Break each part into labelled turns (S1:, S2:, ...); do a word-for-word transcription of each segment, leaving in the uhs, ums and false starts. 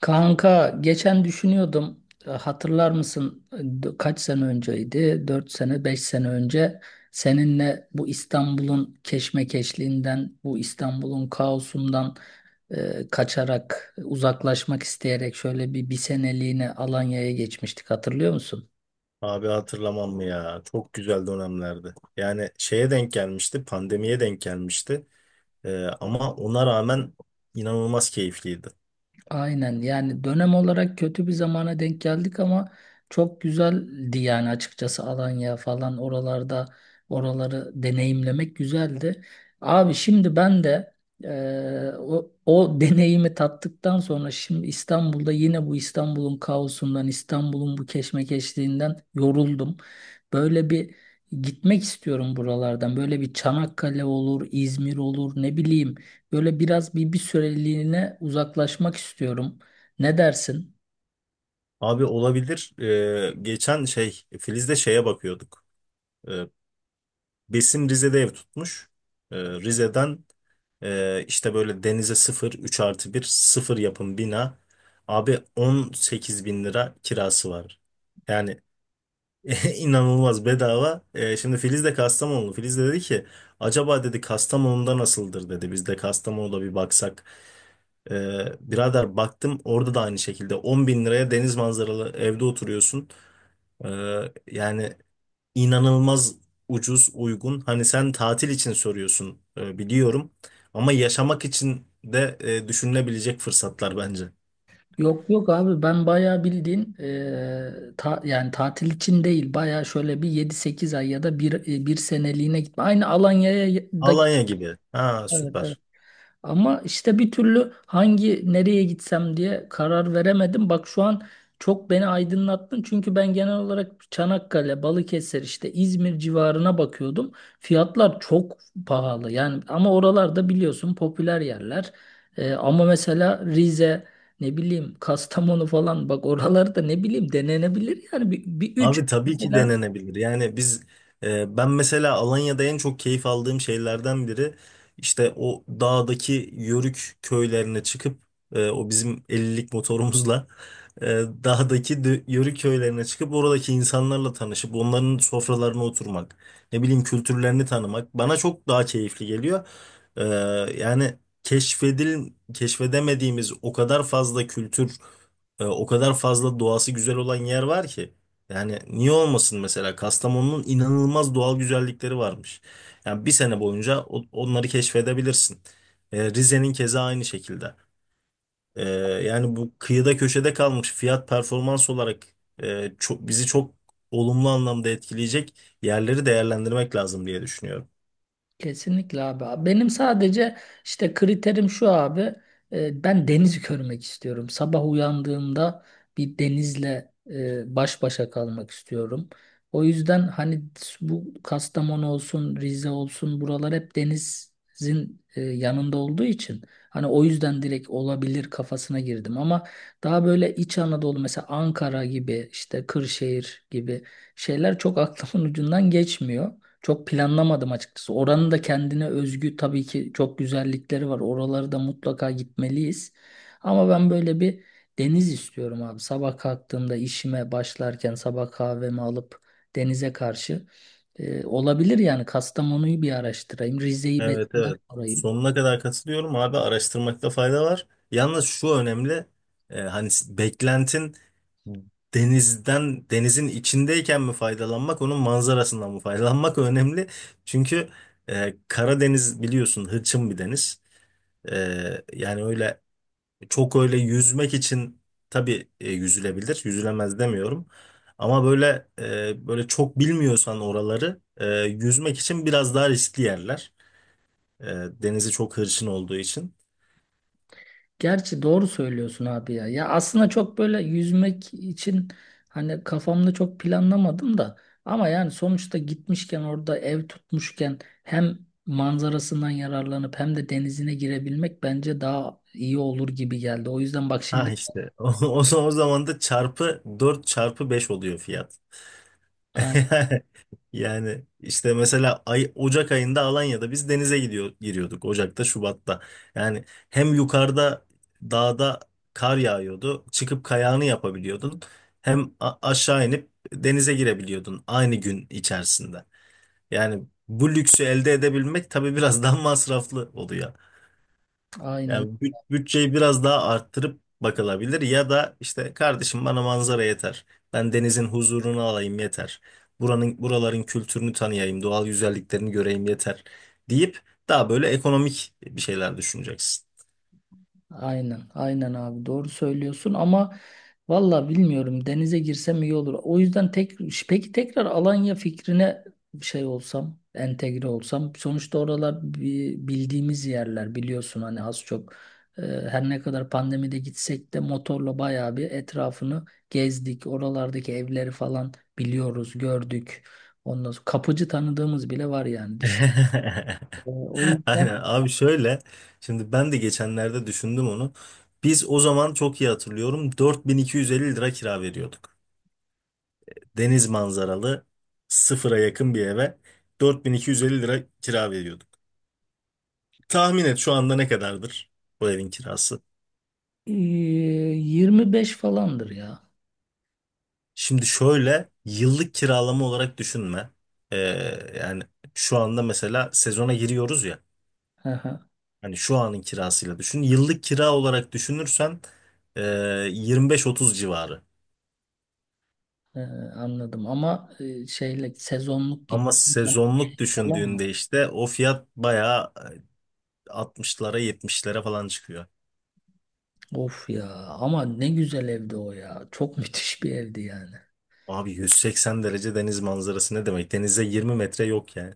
S1: Kanka, geçen düşünüyordum. E, hatırlar mısın? E, d- kaç sene önceydi? Dört sene, beş sene önce seninle bu İstanbul'un keşmekeşliğinden, bu İstanbul'un kaosundan e, kaçarak, e, uzaklaşmak isteyerek şöyle bir bir seneliğine Alanya'ya geçmiştik, hatırlıyor musun?
S2: Abi hatırlamam mı ya? Çok güzel dönemlerdi. Yani şeye denk gelmişti, pandemiye denk gelmişti. Ee, ama ona rağmen inanılmaz keyifliydi.
S1: Aynen, yani dönem olarak kötü bir zamana denk geldik ama çok güzeldi yani. Açıkçası Alanya falan, oralarda oraları deneyimlemek güzeldi. Abi, şimdi ben de eee, o, o deneyimi tattıktan sonra şimdi İstanbul'da yine bu İstanbul'un kaosundan, İstanbul'un bu keşmekeşliğinden yoruldum. Böyle bir gitmek istiyorum buralardan, böyle bir Çanakkale olur, İzmir olur, ne bileyim. Böyle biraz bir, bir süreliğine uzaklaşmak istiyorum. Ne dersin?
S2: Abi olabilir. Ee, geçen şey Filiz'de şeye bakıyorduk. Ee, Besim Rize'de ev tutmuş. Ee, Rize'den ee, işte böyle denize sıfır üç artı bir sıfır yapım bina. Abi on sekiz bin lira kirası var. Yani İnanılmaz bedava. Ee, şimdi Filiz de Kastamonlu. Filiz de dedi ki acaba dedi Kastamonu'da nasıldır dedi. Biz de Kastamonu'da bir baksak. Ee, birader baktım orada da aynı şekilde on bin liraya deniz manzaralı evde oturuyorsun. Ee, yani inanılmaz ucuz uygun. Hani sen tatil için soruyorsun, e, biliyorum. Ama yaşamak için de e, düşünülebilecek fırsatlar bence.
S1: Yok yok abi, ben bayağı bildiğin, e, ta- yani tatil için değil, bayağı şöyle bir yedi sekiz ay ya da bir, e, bir seneliğine gitme. Aynı Alanya'ya da, evet,
S2: Alanya gibi. Ha,
S1: evet.
S2: süper.
S1: Ama işte bir türlü hangi, nereye gitsem diye karar veremedim. Bak şu an çok beni aydınlattın. Çünkü ben genel olarak Çanakkale, Balıkesir, işte İzmir civarına bakıyordum. Fiyatlar çok pahalı. Yani ama oralarda biliyorsun, popüler yerler. Ee, ama mesela Rize, ne bileyim Kastamonu falan, bak oralarda ne bileyim, denenebilir yani bir, bir üç.
S2: Abi tabii ki denenebilir. Yani biz, e, ben mesela Alanya'da en çok keyif aldığım şeylerden biri işte o dağdaki yörük köylerine çıkıp e, o bizim ellilik motorumuzla e, dağdaki dö- yörük köylerine çıkıp oradaki insanlarla tanışıp onların sofralarına oturmak, ne bileyim kültürlerini tanımak bana çok daha keyifli geliyor. E, yani keşfedil keşfedemediğimiz o kadar fazla kültür, e, o kadar fazla doğası güzel olan yer var ki. Yani niye olmasın mesela Kastamonu'nun inanılmaz doğal güzellikleri varmış. Yani bir sene boyunca o- onları keşfedebilirsin. E, Rize'nin keza aynı şekilde. Ee, yani bu kıyıda köşede kalmış fiyat performans olarak, e, çok, bizi çok olumlu anlamda etkileyecek yerleri değerlendirmek lazım diye düşünüyorum.
S1: Kesinlikle abi. Abi, benim sadece işte kriterim şu abi. e, Ben denizi görmek istiyorum. Sabah uyandığımda bir denizle e, baş başa kalmak istiyorum. O yüzden hani, bu Kastamonu olsun, Rize olsun, buralar hep denizin e, yanında olduğu için, hani o yüzden direkt olabilir kafasına girdim ama daha böyle İç Anadolu, mesela Ankara gibi, işte Kırşehir gibi şeyler çok aklımın ucundan geçmiyor. Çok planlamadım açıkçası. Oranın da kendine özgü tabii ki çok güzellikleri var. Oraları da mutlaka gitmeliyiz. Ama ben böyle bir deniz istiyorum abi. Sabah kalktığımda işime başlarken sabah kahvemi alıp denize karşı. Ee, olabilir yani, Kastamonu'yu bir araştırayım. Rize'yi
S2: Evet,
S1: besinler
S2: evet.
S1: sorayım.
S2: Sonuna kadar katılıyorum abi, araştırmakta fayda var. Yalnız şu önemli: e, hani s- beklentin denizden denizin içindeyken mi faydalanmak onun manzarasından mı faydalanmak önemli. Çünkü e, Karadeniz biliyorsun hırçın bir deniz. E, yani öyle çok öyle yüzmek için tabii, e, yüzülebilir. Yüzülemez demiyorum. Ama böyle, e, böyle çok bilmiyorsan oraları, e, yüzmek için biraz daha riskli yerler. E, denizi çok hırçın olduğu için.
S1: Gerçi doğru söylüyorsun abi ya. Ya aslında çok böyle yüzmek için hani kafamda çok planlamadım da, ama yani sonuçta gitmişken, orada ev tutmuşken hem manzarasından yararlanıp hem de denizine girebilmek bence daha iyi olur gibi geldi. O yüzden bak
S2: Ha
S1: şimdi,
S2: işte o, o zaman o zaman da çarpı dört çarpı beş oluyor fiyat.
S1: A-
S2: Yani işte mesela ay, Ocak ayında Alanya'da biz denize gidiyor giriyorduk Ocak'ta Şubat'ta. Yani hem yukarıda dağda kar yağıyordu. Çıkıp kayağını yapabiliyordun. Hem a- aşağı inip denize girebiliyordun aynı gün içerisinde. Yani bu lüksü elde edebilmek tabii biraz daha masraflı oluyor.
S1: aynen.
S2: Yani bü- bütçeyi biraz daha arttırıp bakılabilir ya da işte kardeşim bana manzara yeter. Ben denizin huzurunu alayım yeter. Buranın buraların kültürünü tanıyayım, doğal güzelliklerini göreyim yeter deyip daha böyle ekonomik bir şeyler düşüneceksin.
S1: Aynen, aynen abi, doğru söylüyorsun ama valla bilmiyorum, denize girsem iyi olur. O yüzden tek, peki tekrar Alanya fikrine şey olsam, entegre olsam. Sonuçta oralar bi- bildiğimiz yerler, biliyorsun hani az çok. Ee, Her ne kadar pandemide gitsek de motorla bayağı bir etrafını gezdik. Oralardaki evleri falan biliyoruz, gördük. Ondan sonra kapıcı tanıdığımız bile var yani, düşün. Ee, O yüzden
S2: Aynen abi, şöyle şimdi ben de geçenlerde düşündüm onu. Biz o zaman, çok iyi hatırlıyorum, dört bin iki yüz elli lira kira veriyorduk. Deniz manzaralı sıfıra yakın bir eve dört bin iki yüz elli lira kira veriyorduk. Tahmin et şu anda ne kadardır bu evin kirası?
S1: ee, yirmi beş falandır ya.
S2: Şimdi şöyle yıllık kiralama olarak düşünme. Ee, yani şu anda mesela sezona giriyoruz ya. Hani şu anın kirasıyla düşün. Yıllık kira olarak düşünürsen ee, yirmi beş otuz civarı.
S1: Ee, Anladım ama e, şeyle sezonluk
S2: Ama
S1: gittiğim zaman
S2: sezonluk
S1: falan mı?
S2: düşündüğünde işte o fiyat bayağı, e, altmışlara yetmişlere falan çıkıyor.
S1: Of ya, ama ne güzel evdi o ya. Çok müthiş bir evdi yani.
S2: Abi yüz seksen derece deniz manzarası ne demek? Denize yirmi metre yok yani.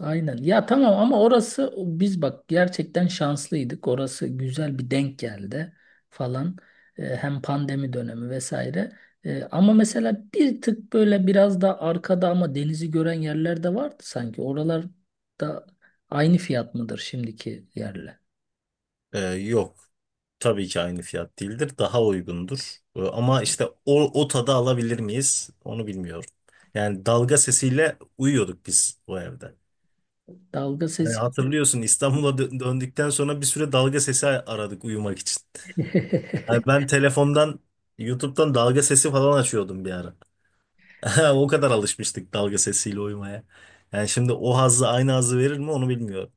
S1: Aynen. Ya tamam, ama orası, biz bak gerçekten şanslıydık. Orası güzel bir denk geldi falan. Ee, hem pandemi dönemi vesaire. Ee, ama mesela bir tık böyle biraz da arkada ama denizi gören yerler de vardı sanki. Oralar da aynı fiyat mıdır şimdiki yerle?
S2: Ee, yok. Tabii ki aynı fiyat değildir. Daha uygundur. Ee, ama işte o, o tadı alabilir miyiz? Onu bilmiyorum. Yani dalga sesiyle uyuyorduk biz o evde.
S1: Dalga
S2: Hani
S1: sesi.
S2: hatırlıyorsun, İstanbul'a dö- döndükten sonra bir süre dalga sesi aradık uyumak için. Yani ben telefondan, YouTube'dan dalga sesi falan açıyordum bir ara. O kadar alışmıştık dalga sesiyle uyumaya. Yani şimdi o hazzı, aynı hazzı verir mi, onu bilmiyorum.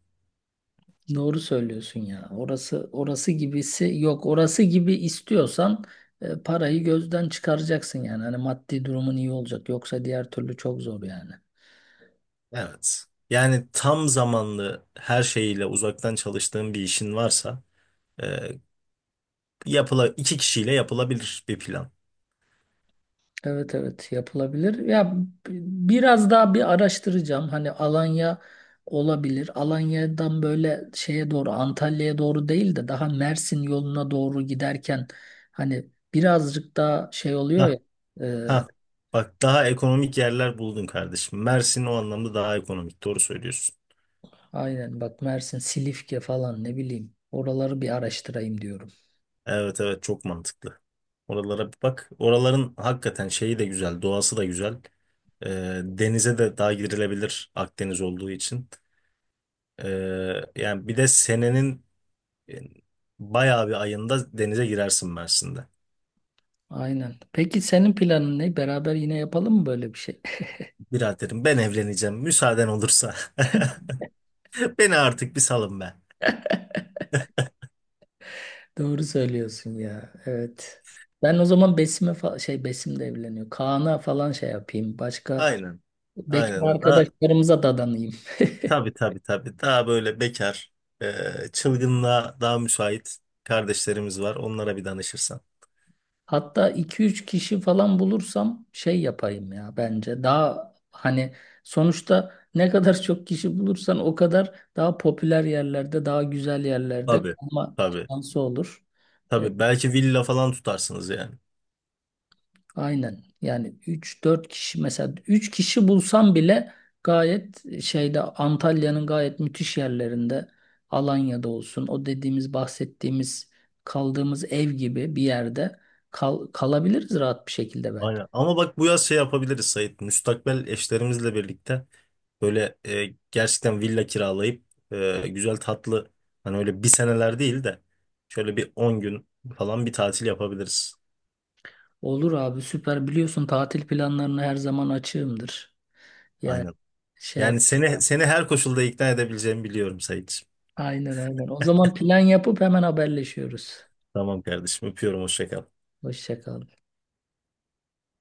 S1: Doğru söylüyorsun ya. Orası, orası gibisi yok. Orası gibi istiyorsan e, parayı gözden çıkaracaksın yani. Hani maddi durumun iyi olacak. Yoksa diğer türlü çok zor yani.
S2: Evet. Yani tam zamanlı her şeyiyle uzaktan çalıştığın bir işin varsa, e, yapıla iki kişiyle yapılabilir bir plan.
S1: Evet, evet, yapılabilir. Ya, b- biraz daha bir araştıracağım. Hani Alanya olabilir. Alanya'dan böyle şeye doğru, Antalya'ya doğru değil de daha Mersin yoluna doğru giderken hani birazcık daha şey oluyor ya.
S2: Ha,
S1: e,
S2: ha. Bak daha ekonomik yerler buldun kardeşim. Mersin o anlamda daha ekonomik. Doğru söylüyorsun.
S1: Aynen bak, Mersin, Silifke falan, ne bileyim. Oraları bir araştırayım diyorum.
S2: Evet, evet, çok mantıklı. Oralara bir bak. Oraların hakikaten şeyi de güzel, doğası da güzel. E, denize de daha girilebilir Akdeniz olduğu için. E, yani bir de senenin, e, bayağı bir ayında denize girersin Mersin'de.
S1: Aynen. Peki senin planın ne? Beraber yine yapalım mı böyle bir şey?
S2: Biraderim ben evleneceğim müsaaden olursa. Beni artık bir salın be.
S1: Doğru söylüyorsun ya. Evet. Ben o zaman Besim'e, fa- şey, Besim de evleniyor. Kaan'a falan şey yapayım. Başka
S2: Aynen.
S1: bekar
S2: Aynen. Daha,
S1: arkadaşlarımıza dadanayım.
S2: tabii tabii, tabii. Daha böyle bekar, e, çılgınlığa daha müsait kardeşlerimiz var. Onlara bir danışırsan.
S1: Hatta iki üç kişi falan bulursam şey yapayım ya, bence. Daha hani sonuçta ne kadar çok kişi bulursan o kadar daha popüler yerlerde, daha güzel yerlerde
S2: Tabii.
S1: kalma
S2: Tabii.
S1: şansı olur. E,
S2: Tabii. Belki villa falan tutarsınız yani.
S1: aynen. Yani üç dört kişi, mesela üç kişi bulsam bile gayet şeyde, Antalya'nın gayet müthiş yerlerinde, Alanya'da olsun, o dediğimiz, bahsettiğimiz, kaldığımız ev gibi bir yerde kal kalabiliriz rahat bir şekilde bence.
S2: Aynen. Ama bak bu yaz şey yapabiliriz Sait. Müstakbel eşlerimizle birlikte böyle, e, gerçekten villa kiralayıp, e, güzel tatlı, hani öyle bir seneler değil de şöyle bir on gün falan bir tatil yapabiliriz.
S1: Olur abi, süper. Biliyorsun, tatil planlarına her zaman açığımdır. Yani
S2: Aynen.
S1: şey yap.
S2: Yani seni seni her koşulda ikna edebileceğimi biliyorum Sait.
S1: Aynen, aynen. O zaman plan yapıp hemen haberleşiyoruz.
S2: Tamam kardeşim, öpüyorum, hoşça kal.
S1: Hoşça kal.